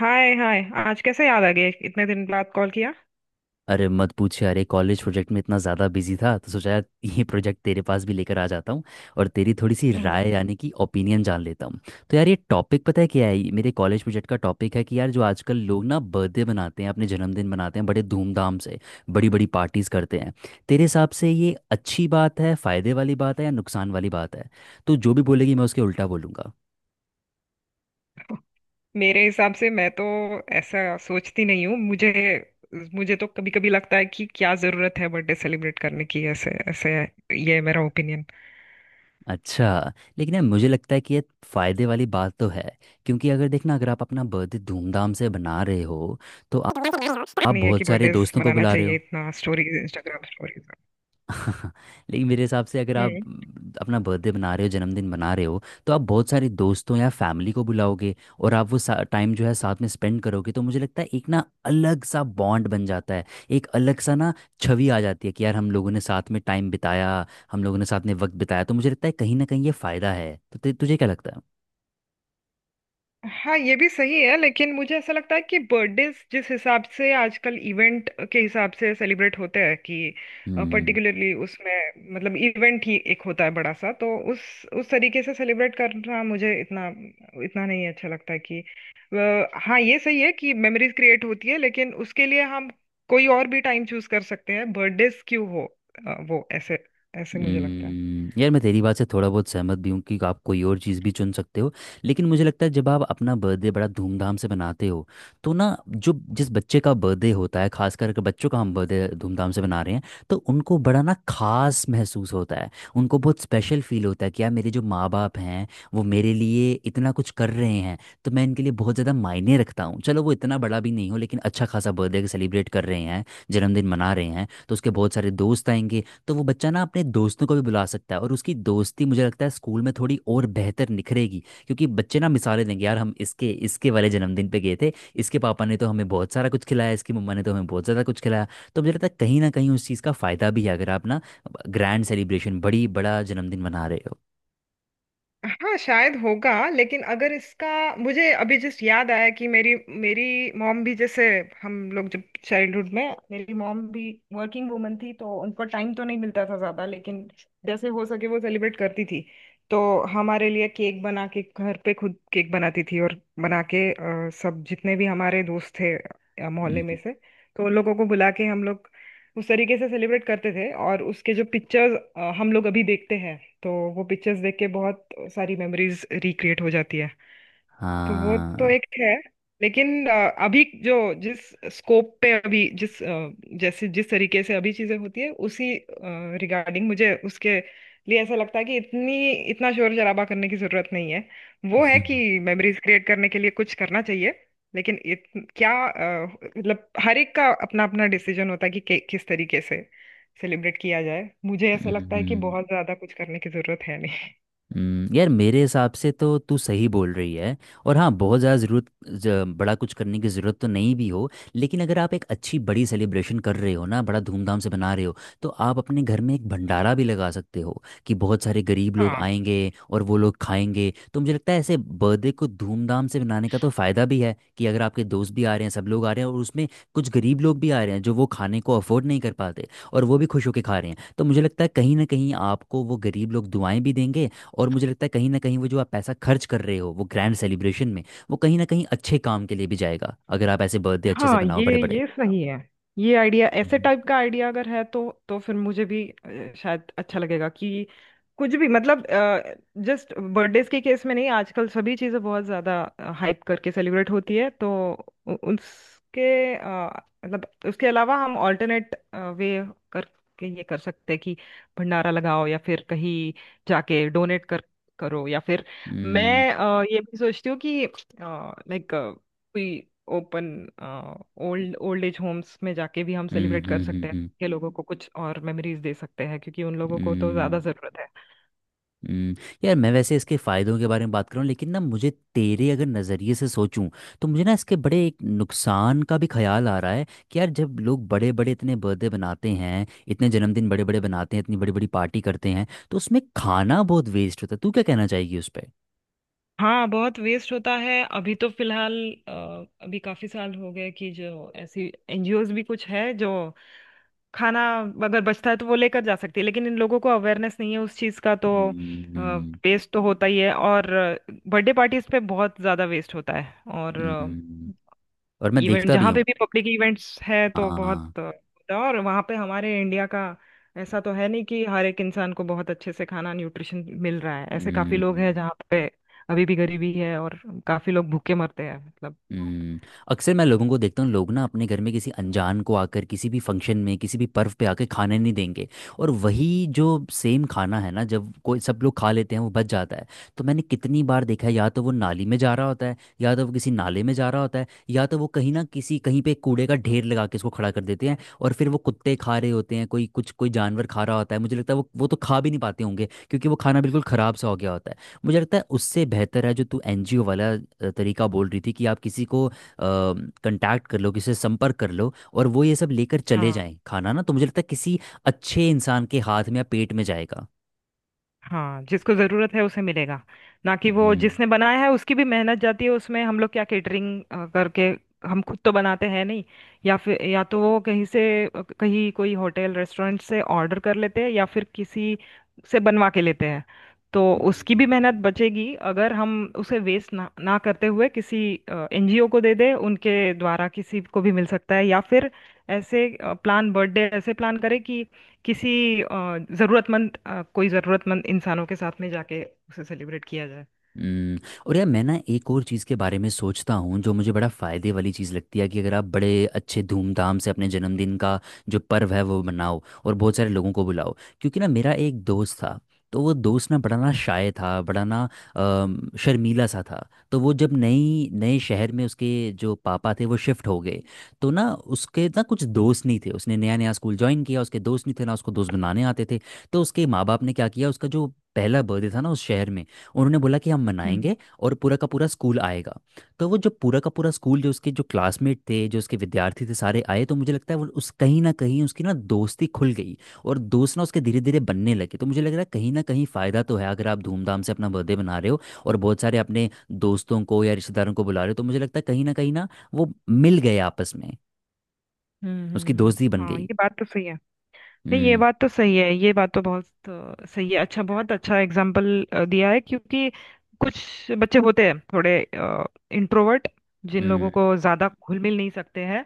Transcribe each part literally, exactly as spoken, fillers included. हाय hi. आज कैसे याद आ गया, इतने दिन बाद कॉल किया? अरे मत पूछ यार, ये कॉलेज प्रोजेक्ट में इतना ज़्यादा बिजी था तो सोचा यार, ये प्रोजेक्ट तेरे पास भी लेकर आ जाता हूँ और तेरी थोड़ी सी ओहो, राय यानी कि ओपिनियन जान लेता हूँ। तो यार ये टॉपिक पता है क्या है? ये मेरे कॉलेज प्रोजेक्ट का टॉपिक है कि यार जो आजकल लोग ना बर्थडे मनाते हैं, अपने जन्मदिन मनाते हैं बड़े धूमधाम से, बड़ी बड़ी पार्टीज़ करते हैं, तेरे हिसाब से ये अच्छी बात है, फ़ायदे वाली बात है या नुकसान वाली बात है? तो जो भी बोलेगी मैं उसके उल्टा बोलूँगा। मेरे हिसाब से मैं तो ऐसा सोचती नहीं हूँ। मुझे मुझे तो कभी कभी लगता है कि क्या जरूरत है बर्थडे सेलिब्रेट करने की, ऐसे ऐसे। ये मेरा ओपिनियन अच्छा। लेकिन यार मुझे लगता है कि ये फ़ायदे वाली बात तो है, क्योंकि अगर देखना, अगर आप अपना बर्थडे धूमधाम से बना रहे हो तो आप आप नहीं है कि बहुत सारे बर्थडे दोस्तों को मनाना बुला रहे चाहिए हो। इतना, स्टोरीज इंस्टाग्राम स्टोरीज। लेकिन मेरे हिसाब से अगर आप म, अपना बर्थडे बना रहे हो, जन्मदिन बना रहे हो, तो आप बहुत सारे दोस्तों या फैमिली को बुलाओगे और आप वो टाइम जो है साथ में स्पेंड करोगे, तो मुझे लगता है एक ना अलग सा बॉन्ड बन जाता है, एक अलग सा ना छवि आ जाती है कि यार हम लोगों ने साथ में टाइम बिताया, हम लोगों ने साथ में वक्त बिताया, तो मुझे लगता है कहीं ना कहीं ये फ़ायदा है। तो ते- तुझे क्या लगता है? हाँ, ये भी सही है, लेकिन मुझे ऐसा लगता है कि बर्थडेज जिस हिसाब से आजकल इवेंट के हिसाब से सेलिब्रेट होते हैं कि हम्म। पर्टिकुलरली, उसमें मतलब इवेंट ही एक होता है बड़ा सा, तो उस उस तरीके से सेलिब्रेट करना मुझे इतना इतना नहीं अच्छा लगता है कि अ, हाँ, ये सही है कि मेमोरीज क्रिएट होती है, लेकिन उसके लिए हम कोई और भी टाइम चूज कर सकते हैं, बर्थडेज क्यों हो। अ, वो ऐसे ऐसे मुझे लगता है। हम्म, यार मैं तेरी बात से थोड़ा बहुत सहमत भी हूँ कि आप कोई और चीज़ भी चुन सकते हो, लेकिन मुझे लगता है जब आप अपना बर्थडे बड़ा धूमधाम से मनाते हो तो ना, जो जिस बच्चे का बर्थडे होता है, खास करके बच्चों का हम बर्थडे धूमधाम से मना रहे हैं, तो उनको बड़ा ना खास महसूस होता है, उनको बहुत स्पेशल फील होता है कि यार मेरे जो माँ बाप हैं वो मेरे लिए इतना कुछ कर रहे हैं, तो मैं इनके लिए बहुत ज़्यादा मायने रखता हूँ। चलो वो इतना बड़ा भी नहीं हो, लेकिन अच्छा खासा बर्थडे सेलिब्रेट कर रहे हैं, जन्मदिन मना रहे हैं, तो उसके बहुत सारे दोस्त आएंगे, तो वो बच्चा ना अपने दोस्तों को भी बुला सकता है और उसकी दोस्ती मुझे लगता है स्कूल में थोड़ी और बेहतर निखरेगी, क्योंकि बच्चे ना मिसालें देंगे, यार हम इसके इसके वाले जन्मदिन पे गए थे, इसके पापा ने तो हमें बहुत सारा कुछ खिलाया, इसकी मम्मा ने तो हमें बहुत ज़्यादा कुछ खिलाया, तो मुझे लगता है कहीं ना कहीं उस चीज़ का फ़ायदा भी है अगर आप ना ग्रैंड सेलिब्रेशन बड़ी बड़ा जन्मदिन मना रहे हो। हाँ शायद होगा, लेकिन अगर इसका, मुझे अभी जस्ट याद आया कि मेरी मेरी मॉम भी जैसे, हम लोग जब चाइल्डहुड में, मेरी मॉम भी वर्किंग वुमन थी तो उनको टाइम तो नहीं मिलता था ज़्यादा, लेकिन जैसे हो सके वो सेलिब्रेट करती थी। तो हमारे लिए केक बना के, घर पे खुद केक बनाती थी और बना के अ, सब जितने भी हमारे दोस्त थे अ, मोहल्ले में हम्म, से, तो उन लोगों को बुला के हम लोग उस तरीके से सेलिब्रेट करते थे। और उसके जो पिक्चर्स हम लोग अभी देखते हैं, तो वो पिक्चर्स देख के बहुत सारी मेमोरीज रिक्रिएट हो जाती है। तो वो हाँ। तो एक है। लेकिन अ, अभी जो, जिस स्कोप पे अभी जिस अ, जैसे जिस तरीके से अभी चीजें होती है, उसी रिगार्डिंग मुझे उसके लिए ऐसा लगता है कि इतनी इतना शोर शराबा करने की जरूरत नहीं है, वो है कि मेमोरीज क्रिएट करने के लिए कुछ करना चाहिए, लेकिन इत, क्या अ, मतलब हर एक का अपना अपना डिसीजन होता है कि, कि किस तरीके से सेलिब्रेट किया जाए। मुझे ऐसा लगता है कि हम्म, बहुत ज्यादा कुछ करने की जरूरत है नहीं। हम्म, यार मेरे हिसाब से तो तू सही बोल रही है, और हाँ बहुत ज़्यादा ज़रूरत ज- बड़ा कुछ करने की ज़रूरत तो नहीं भी हो, लेकिन अगर आप एक अच्छी बड़ी सेलिब्रेशन कर रहे हो ना, बड़ा धूमधाम से बना रहे हो, तो आप अपने घर में एक भंडारा भी लगा सकते हो कि बहुत सारे गरीब लोग हाँ आएंगे और वो लोग खाएंगे, तो मुझे लगता है ऐसे बर्थडे को धूमधाम से मनाने का तो फ़ायदा भी है कि अगर आपके दोस्त भी आ रहे हैं, सब लोग आ रहे हैं, और उसमें कुछ गरीब लोग भी आ रहे हैं जो वो खाने को अफोर्ड नहीं कर पाते और वो भी खुश होकर खा रहे हैं, तो मुझे लगता है कहीं ना कहीं आपको वो गरीब लोग दुआएं भी देंगे, और मुझे लगता है कहीं ना कहीं वो जो आप पैसा खर्च कर रहे हो वो ग्रैंड सेलिब्रेशन में, वो कहीं ना कहीं अच्छे काम के लिए भी जाएगा अगर आप ऐसे बर्थडे अच्छे से हाँ, बनाओ बड़े ये बड़े। ये सही है। ये आइडिया, ऐसे हम्म। टाइप का आइडिया अगर है तो तो फिर मुझे भी अ, शायद अच्छा लगेगा कि कुछ भी, मतलब जस्ट बर्थडेज के केस में नहीं, आजकल सभी चीज़ें बहुत ज़्यादा हाइप करके सेलिब्रेट होती है। तो उ- उसके अ, मतलब उसके अलावा हम ऑल्टरनेट वे करके ये कर सकते हैं कि भंडारा लगाओ या फिर कहीं जाके डोनेट कर करो या फिर हम्म। मैं अ, ये भी सोचती हूँ कि लाइक, कोई open, old old age homes में जाके भी हम हम्म। सेलिब्रेट कर सकते हैं, हम्म, के लोगों को कुछ और मेमोरीज दे सकते हैं क्योंकि उन लोगों को तो ज्यादा हम्म, जरूरत है। हम्म। यार तो मैं वैसे इसके फ़ायदों के बारे में बात करूँ, लेकिन ना मुझे तेरे अगर नज़रिए से सोचूं तो मुझे ना इसके बड़े एक नुकसान का भी ख्याल आ रहा है कि यार जब लोग बड़े बड़े इतने बर्थडे बनाते हैं, इतने जन्मदिन बड़े बड़े बनाते हैं, इतनी बड़ी बड़ी पार्टी करते हैं, तो उसमें खाना बहुत वेस्ट होता है। तू क्या कहना चाहेगी उस हाँ, बहुत वेस्ट होता है अभी तो फिलहाल अ, अभी काफी साल हो गए कि जो ऐसी एनजीओज भी कुछ है जो खाना अगर बचता है तो वो लेकर जा सकती है, लेकिन इन लोगों को अवेयरनेस नहीं है उस चीज़ का, तो पर? वेस्ट तो होता ही है। और बर्थडे पार्टीज पे बहुत ज़्यादा वेस्ट होता है और हम्म, और मैं इवेंट, देखता भी जहाँ पे हूँ। भी पब्लिक इवेंट्स है तो हाँ। बहुत अ, होता है। और वहाँ पे हमारे इंडिया का ऐसा तो है नहीं कि हर एक इंसान को बहुत अच्छे से खाना न्यूट्रिशन मिल रहा है, ऐसे काफी लोग हैं हम्म, जहाँ पे अभी भी गरीबी है और काफी लोग भूखे मरते हैं, मतलब। हम्म। अक्सर मैं लोगों को देखता हूँ लोग ना अपने घर में किसी अनजान को आकर किसी भी फंक्शन में किसी भी पर्व पे आकर खाने नहीं देंगे, और वही जो सेम खाना है ना, जब कोई सब लोग खा लेते हैं वो बच जाता है, तो मैंने कितनी बार देखा है या तो वो नाली में जा रहा होता है, या तो वो किसी नाले में जा रहा होता है, या तो वो कहीं ना किसी कहीं पे कूड़े का ढेर लगा के इसको खड़ा कर देते हैं और फिर वो कुत्ते खा रहे होते हैं, कोई कुछ कोई जानवर खा रहा होता है, मुझे लगता है वो वो तो खा भी नहीं पाते होंगे क्योंकि वो खाना बिल्कुल ख़राब सा हो गया होता है। मुझे लगता है उससे बेहतर है जो तू एन जी ओ वाला अ, तरीका बोल रही थी कि आप किसी को कांटेक्ट कर लो, किसी से संपर्क कर लो और वो ये सब लेकर चले जाएं खाना, ना तो मुझे लगता है किसी अच्छे इंसान के हाथ में या पेट में जाएगा। हाँ, जिसको जरूरत है उसे मिलेगा, ना कि वो हम्म। जिसने बनाया है, उसकी भी मेहनत जाती है उसमें। हम लोग क्या केटरिंग करके, हम खुद तो बनाते हैं नहीं, या फिर या तो वो कहीं से अ, कहीं कोई होटल रेस्टोरेंट से ऑर्डर कर लेते हैं या फिर किसी से बनवा के लेते हैं। तो उसकी हम्म। भी मेहनत बचेगी अगर हम उसे वेस्ट ना ना करते हुए किसी एनजीओ को दे दें, उनके द्वारा किसी को भी मिल सकता है, या फिर ऐसे प्लान, बर्थडे ऐसे प्लान करें कि किसी अ, जरूरतमंद, अ, कोई जरूरतमंद इंसानों के साथ में जाके उसे सेलिब्रेट किया जाए। हम्म, और यार मैं ना एक और चीज़ के बारे में सोचता हूँ जो मुझे बड़ा फ़ायदे वाली चीज़ लगती है कि अगर आप बड़े अच्छे धूमधाम से अपने जन्मदिन का जो पर्व है वो मनाओ और बहुत सारे लोगों को बुलाओ, क्योंकि ना मेरा एक दोस्त था, तो वो दोस्त ना बड़ा ना शाय था, बड़ा ना अम, शर्मीला सा था, तो वो जब नई नए शहर में उसके जो पापा थे वो शिफ्ट हो गए, तो ना उसके ना कुछ दोस्त नहीं थे, उसने नया नया स्कूल ज्वाइन किया, उसके दोस्त नहीं थे, ना उसको दोस्त बनाने आते थे, तो उसके माँ बाप ने क्या किया उसका जो पहला बर्थडे था ना उस शहर में उन्होंने बोला कि हम हम्म, मनाएंगे और पूरा का पूरा स्कूल आएगा, तो वो जो पूरा का पूरा स्कूल जो उसके जो क्लासमेट थे, जो उसके विद्यार्थी थे सारे आए, तो मुझे लगता है वो उस कहीं ना कहीं उसकी ना दोस्ती खुल गई और दोस्त ना उसके धीरे धीरे बनने लगे, तो मुझे लग रहा है कहीं ना कहीं फ़ायदा तो है अगर आप धूमधाम से अपना बर्थडे मना रहे हो और बहुत सारे अपने दोस्तों को या रिश्तेदारों को बुला रहे हो, तो मुझे लगता है कहीं ना कहीं ना वो मिल गए आपस में, हम्म, हम्म, उसकी हम्म। दोस्ती बन हाँ गई। ये बात तो सही है। नहीं, ये हम्म। बात तो सही है, ये बात तो बहुत अ, सही है, अच्छा, बहुत अच्छा एग्जाम्पल दिया है। क्योंकि कुछ बच्चे होते हैं थोड़े इंट्रोवर्ट, जिन लोगों हम्म। को ज्यादा घुल मिल नहीं सकते हैं,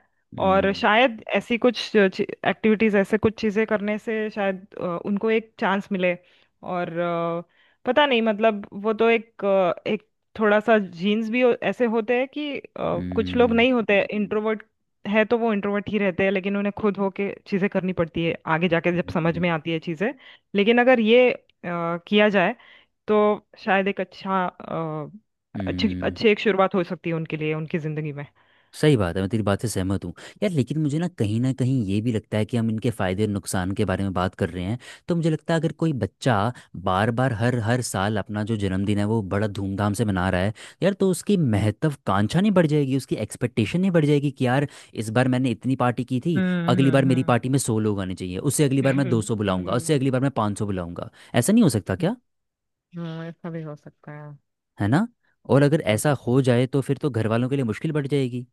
और हम्म। शायद ऐसी कुछ एक्टिविटीज, ऐसे कुछ चीजें करने से शायद अ, उनको एक चांस मिले। और अ, पता नहीं, मतलब वो तो एक अ, एक थोड़ा सा जीन्स भी हो- ऐसे होते हैं कि अ, कुछ लोग हम्म। नहीं होते, इंट्रोवर्ट है तो वो इंट्रोवर्ट ही रहते हैं लेकिन उन्हें खुद होके चीजें करनी पड़ती है आगे जाके, जब हम्म, समझ हम्म, में आती है चीजें। लेकिन अगर ये अ, किया जाए तो शायद एक अच्छा अ, अच्छी हम्म। अच्छी एक शुरुआत हो सकती है उनके लिए उनकी जिंदगी में। सही बात है, मैं तेरी बात से सहमत हूँ। यार लेकिन मुझे ना कहीं ना कहीं ये भी लगता है कि हम इनके फायदे और नुकसान के बारे में बात कर रहे हैं, तो मुझे लगता है अगर कोई बच्चा बार बार हर हर साल अपना जो जन्मदिन है वो बड़ा धूमधाम से मना रहा है, यार तो उसकी महत्वाकांक्षा नहीं बढ़ जाएगी, उसकी एक्सपेक्टेशन नहीं बढ़ जाएगी कि यार इस बार मैंने इतनी पार्टी की थी, हम्म, अगली बार हम्म, मेरी हम्म, पार्टी में सौ लोग आने चाहिए, उससे अगली बार मैं दो हम्म, सौ बुलाऊंगा, उससे हम्म, अगली बार मैं पाँच सौ बुलाऊंगा, ऐसा नहीं हो सकता हम्म, क्या? हम्म, ऐसा भी हो सकता है ना? और अगर है। ऐसा हो जाए तो फिर तो घर वालों के लिए मुश्किल बढ़ जाएगी।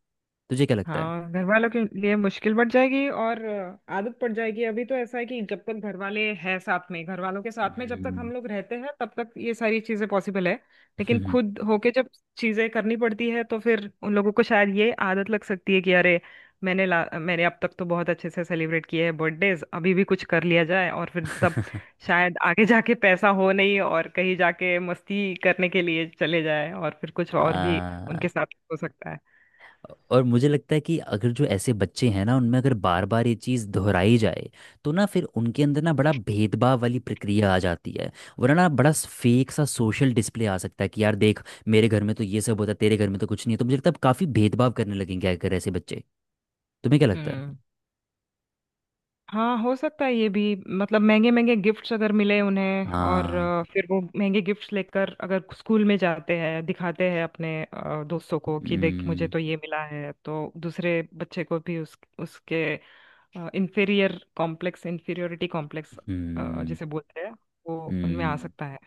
तुझे क्या लगता है? हाँ, घर वालों के लिए मुश्किल बढ़ जाएगी और अ, आदत पड़ जाएगी। अभी तो ऐसा है कि जब तक घर वाले हैं साथ में, घर वालों के साथ में जब तक हम हम्म। लोग रहते हैं तब तक ये सारी चीजें पॉसिबल है। लेकिन हम्म, खुद होके जब चीजें करनी पड़ती है तो फिर उन लोगों को शायद ये आदत लग सकती है कि अरे, मैंने ला मैंने अब तक तो बहुत अच्छे से सेलिब्रेट किए हैं बर्थडेज, अभी भी कुछ कर लिया जाए, और फिर तब शायद आगे जाके पैसा हो नहीं और कहीं जाके मस्ती करने के लिए चले जाए और फिर कुछ और भी आ, उनके साथ हो सकता है। और मुझे लगता है कि अगर जो ऐसे बच्चे हैं ना उनमें अगर बार बार ये चीज़ दोहराई जाए तो ना फिर उनके अंदर ना बड़ा भेदभाव वाली प्रक्रिया आ जाती है, वरना ना बड़ा फेक सा सोशल डिस्प्ले आ सकता है कि यार देख मेरे घर में तो ये सब होता है, तेरे घर में तो कुछ नहीं है, तो मुझे लगता है काफ़ी भेदभाव करने लगेंगे अगर ऐसे बच्चे। तुम्हें क्या लगता है? हम्म, हाँ हो सकता है ये भी, मतलब महंगे महंगे गिफ्ट्स अगर मिले उन्हें और हाँ। अ, फिर वो महंगे गिफ्ट्स लेकर अगर स्कूल में जाते हैं दिखाते हैं अपने अ, दोस्तों को कि देख मुझे हम्म। तो ये मिला है, तो दूसरे बच्चे को भी उस उसके इंफीरियर कॉम्प्लेक्स इंफीरियोरिटी कॉम्प्लेक्स हम्म। जिसे बोलते हैं, वो उनमें आ हम्म। सकता है।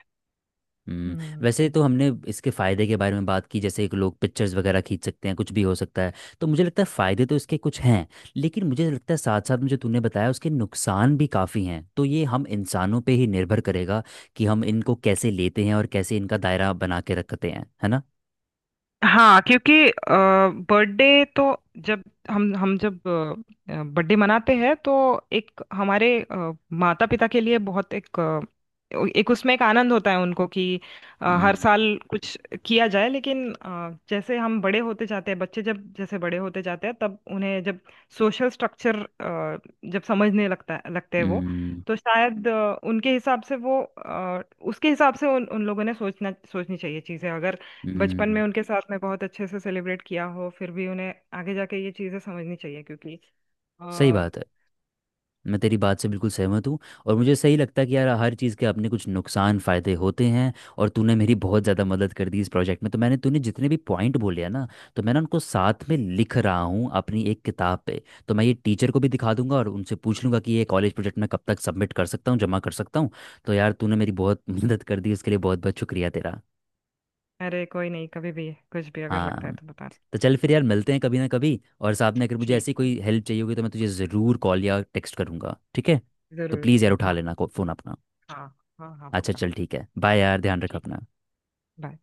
हम्म, हम्म। वैसे तो हमने इसके फ़ायदे के बारे में बात की जैसे कि लोग पिक्चर्स वगैरह खींच सकते हैं, कुछ भी हो सकता है, तो मुझे लगता है फ़ायदे तो इसके कुछ हैं, लेकिन मुझे लगता है साथ साथ में जो तूने बताया उसके नुकसान भी काफ़ी हैं, तो ये हम इंसानों पे ही निर्भर करेगा कि हम इनको कैसे लेते हैं और कैसे इनका दायरा बना के रखते हैं, है ना? हाँ क्योंकि बर्थडे तो, जब हम हम जब बर्थडे मनाते हैं तो, एक हमारे माता पिता के लिए बहुत एक, अ, एक उसमें एक आनंद होता है उनको कि अ, हर साल हम्म। कुछ किया जाए। लेकिन अ, जैसे हम बड़े होते जाते हैं, बच्चे जब जैसे बड़े होते जाते हैं तब उन्हें जब सोशल स्ट्रक्चर जब समझने लगता है लगते हैं वो, हम्म। तो शायद अ, उनके हिसाब से वो, अ, उसके हिसाब से उन उन लोगों ने सोचना सोचनी चाहिए चीज़ें, अगर बचपन में हम्म, उनके साथ में बहुत अच्छे से सेलिब्रेट किया हो फिर भी उन्हें आगे जाके ये चीजें समझनी चाहिए क्योंकि सही अ, बात है, मैं तेरी बात से बिल्कुल सहमत हूँ और मुझे सही लगता है कि यार हर चीज़ के अपने कुछ नुकसान फ़ायदे होते हैं, और तूने मेरी बहुत ज़्यादा मदद कर दी इस प्रोजेक्ट में, तो मैंने तूने जितने भी पॉइंट बोले हैं ना, तो मैं ना उनको साथ में लिख रहा हूँ अपनी एक किताब पे, तो मैं ये टीचर को भी दिखा दूंगा और उनसे पूछ लूंगा कि ये कॉलेज प्रोजेक्ट मैं कब तक सबमिट कर सकता हूँ, जमा कर सकता हूँ, तो यार तूने मेरी बहुत मदद कर दी, उसके लिए बहुत बहुत शुक्रिया तेरा। अरे कोई नहीं, कभी भी कुछ भी अगर लगता है हाँ। तो बताना। तो चल फिर यार मिलते हैं कभी ना कभी, और साथ में अगर मुझे ऐसी ठीक, कोई हेल्प चाहिए होगी तो मैं तुझे ज़रूर कॉल या टेक्स्ट करूँगा, ठीक है? तो जरूर प्लीज़ यार जरूर, उठा हाँ लेना फ़ोन अपना। हाँ। हाँ हाँ, अच्छा पक्का। चल ठीक है, बाय यार, ध्यान रख ठीक, अपना। बाय।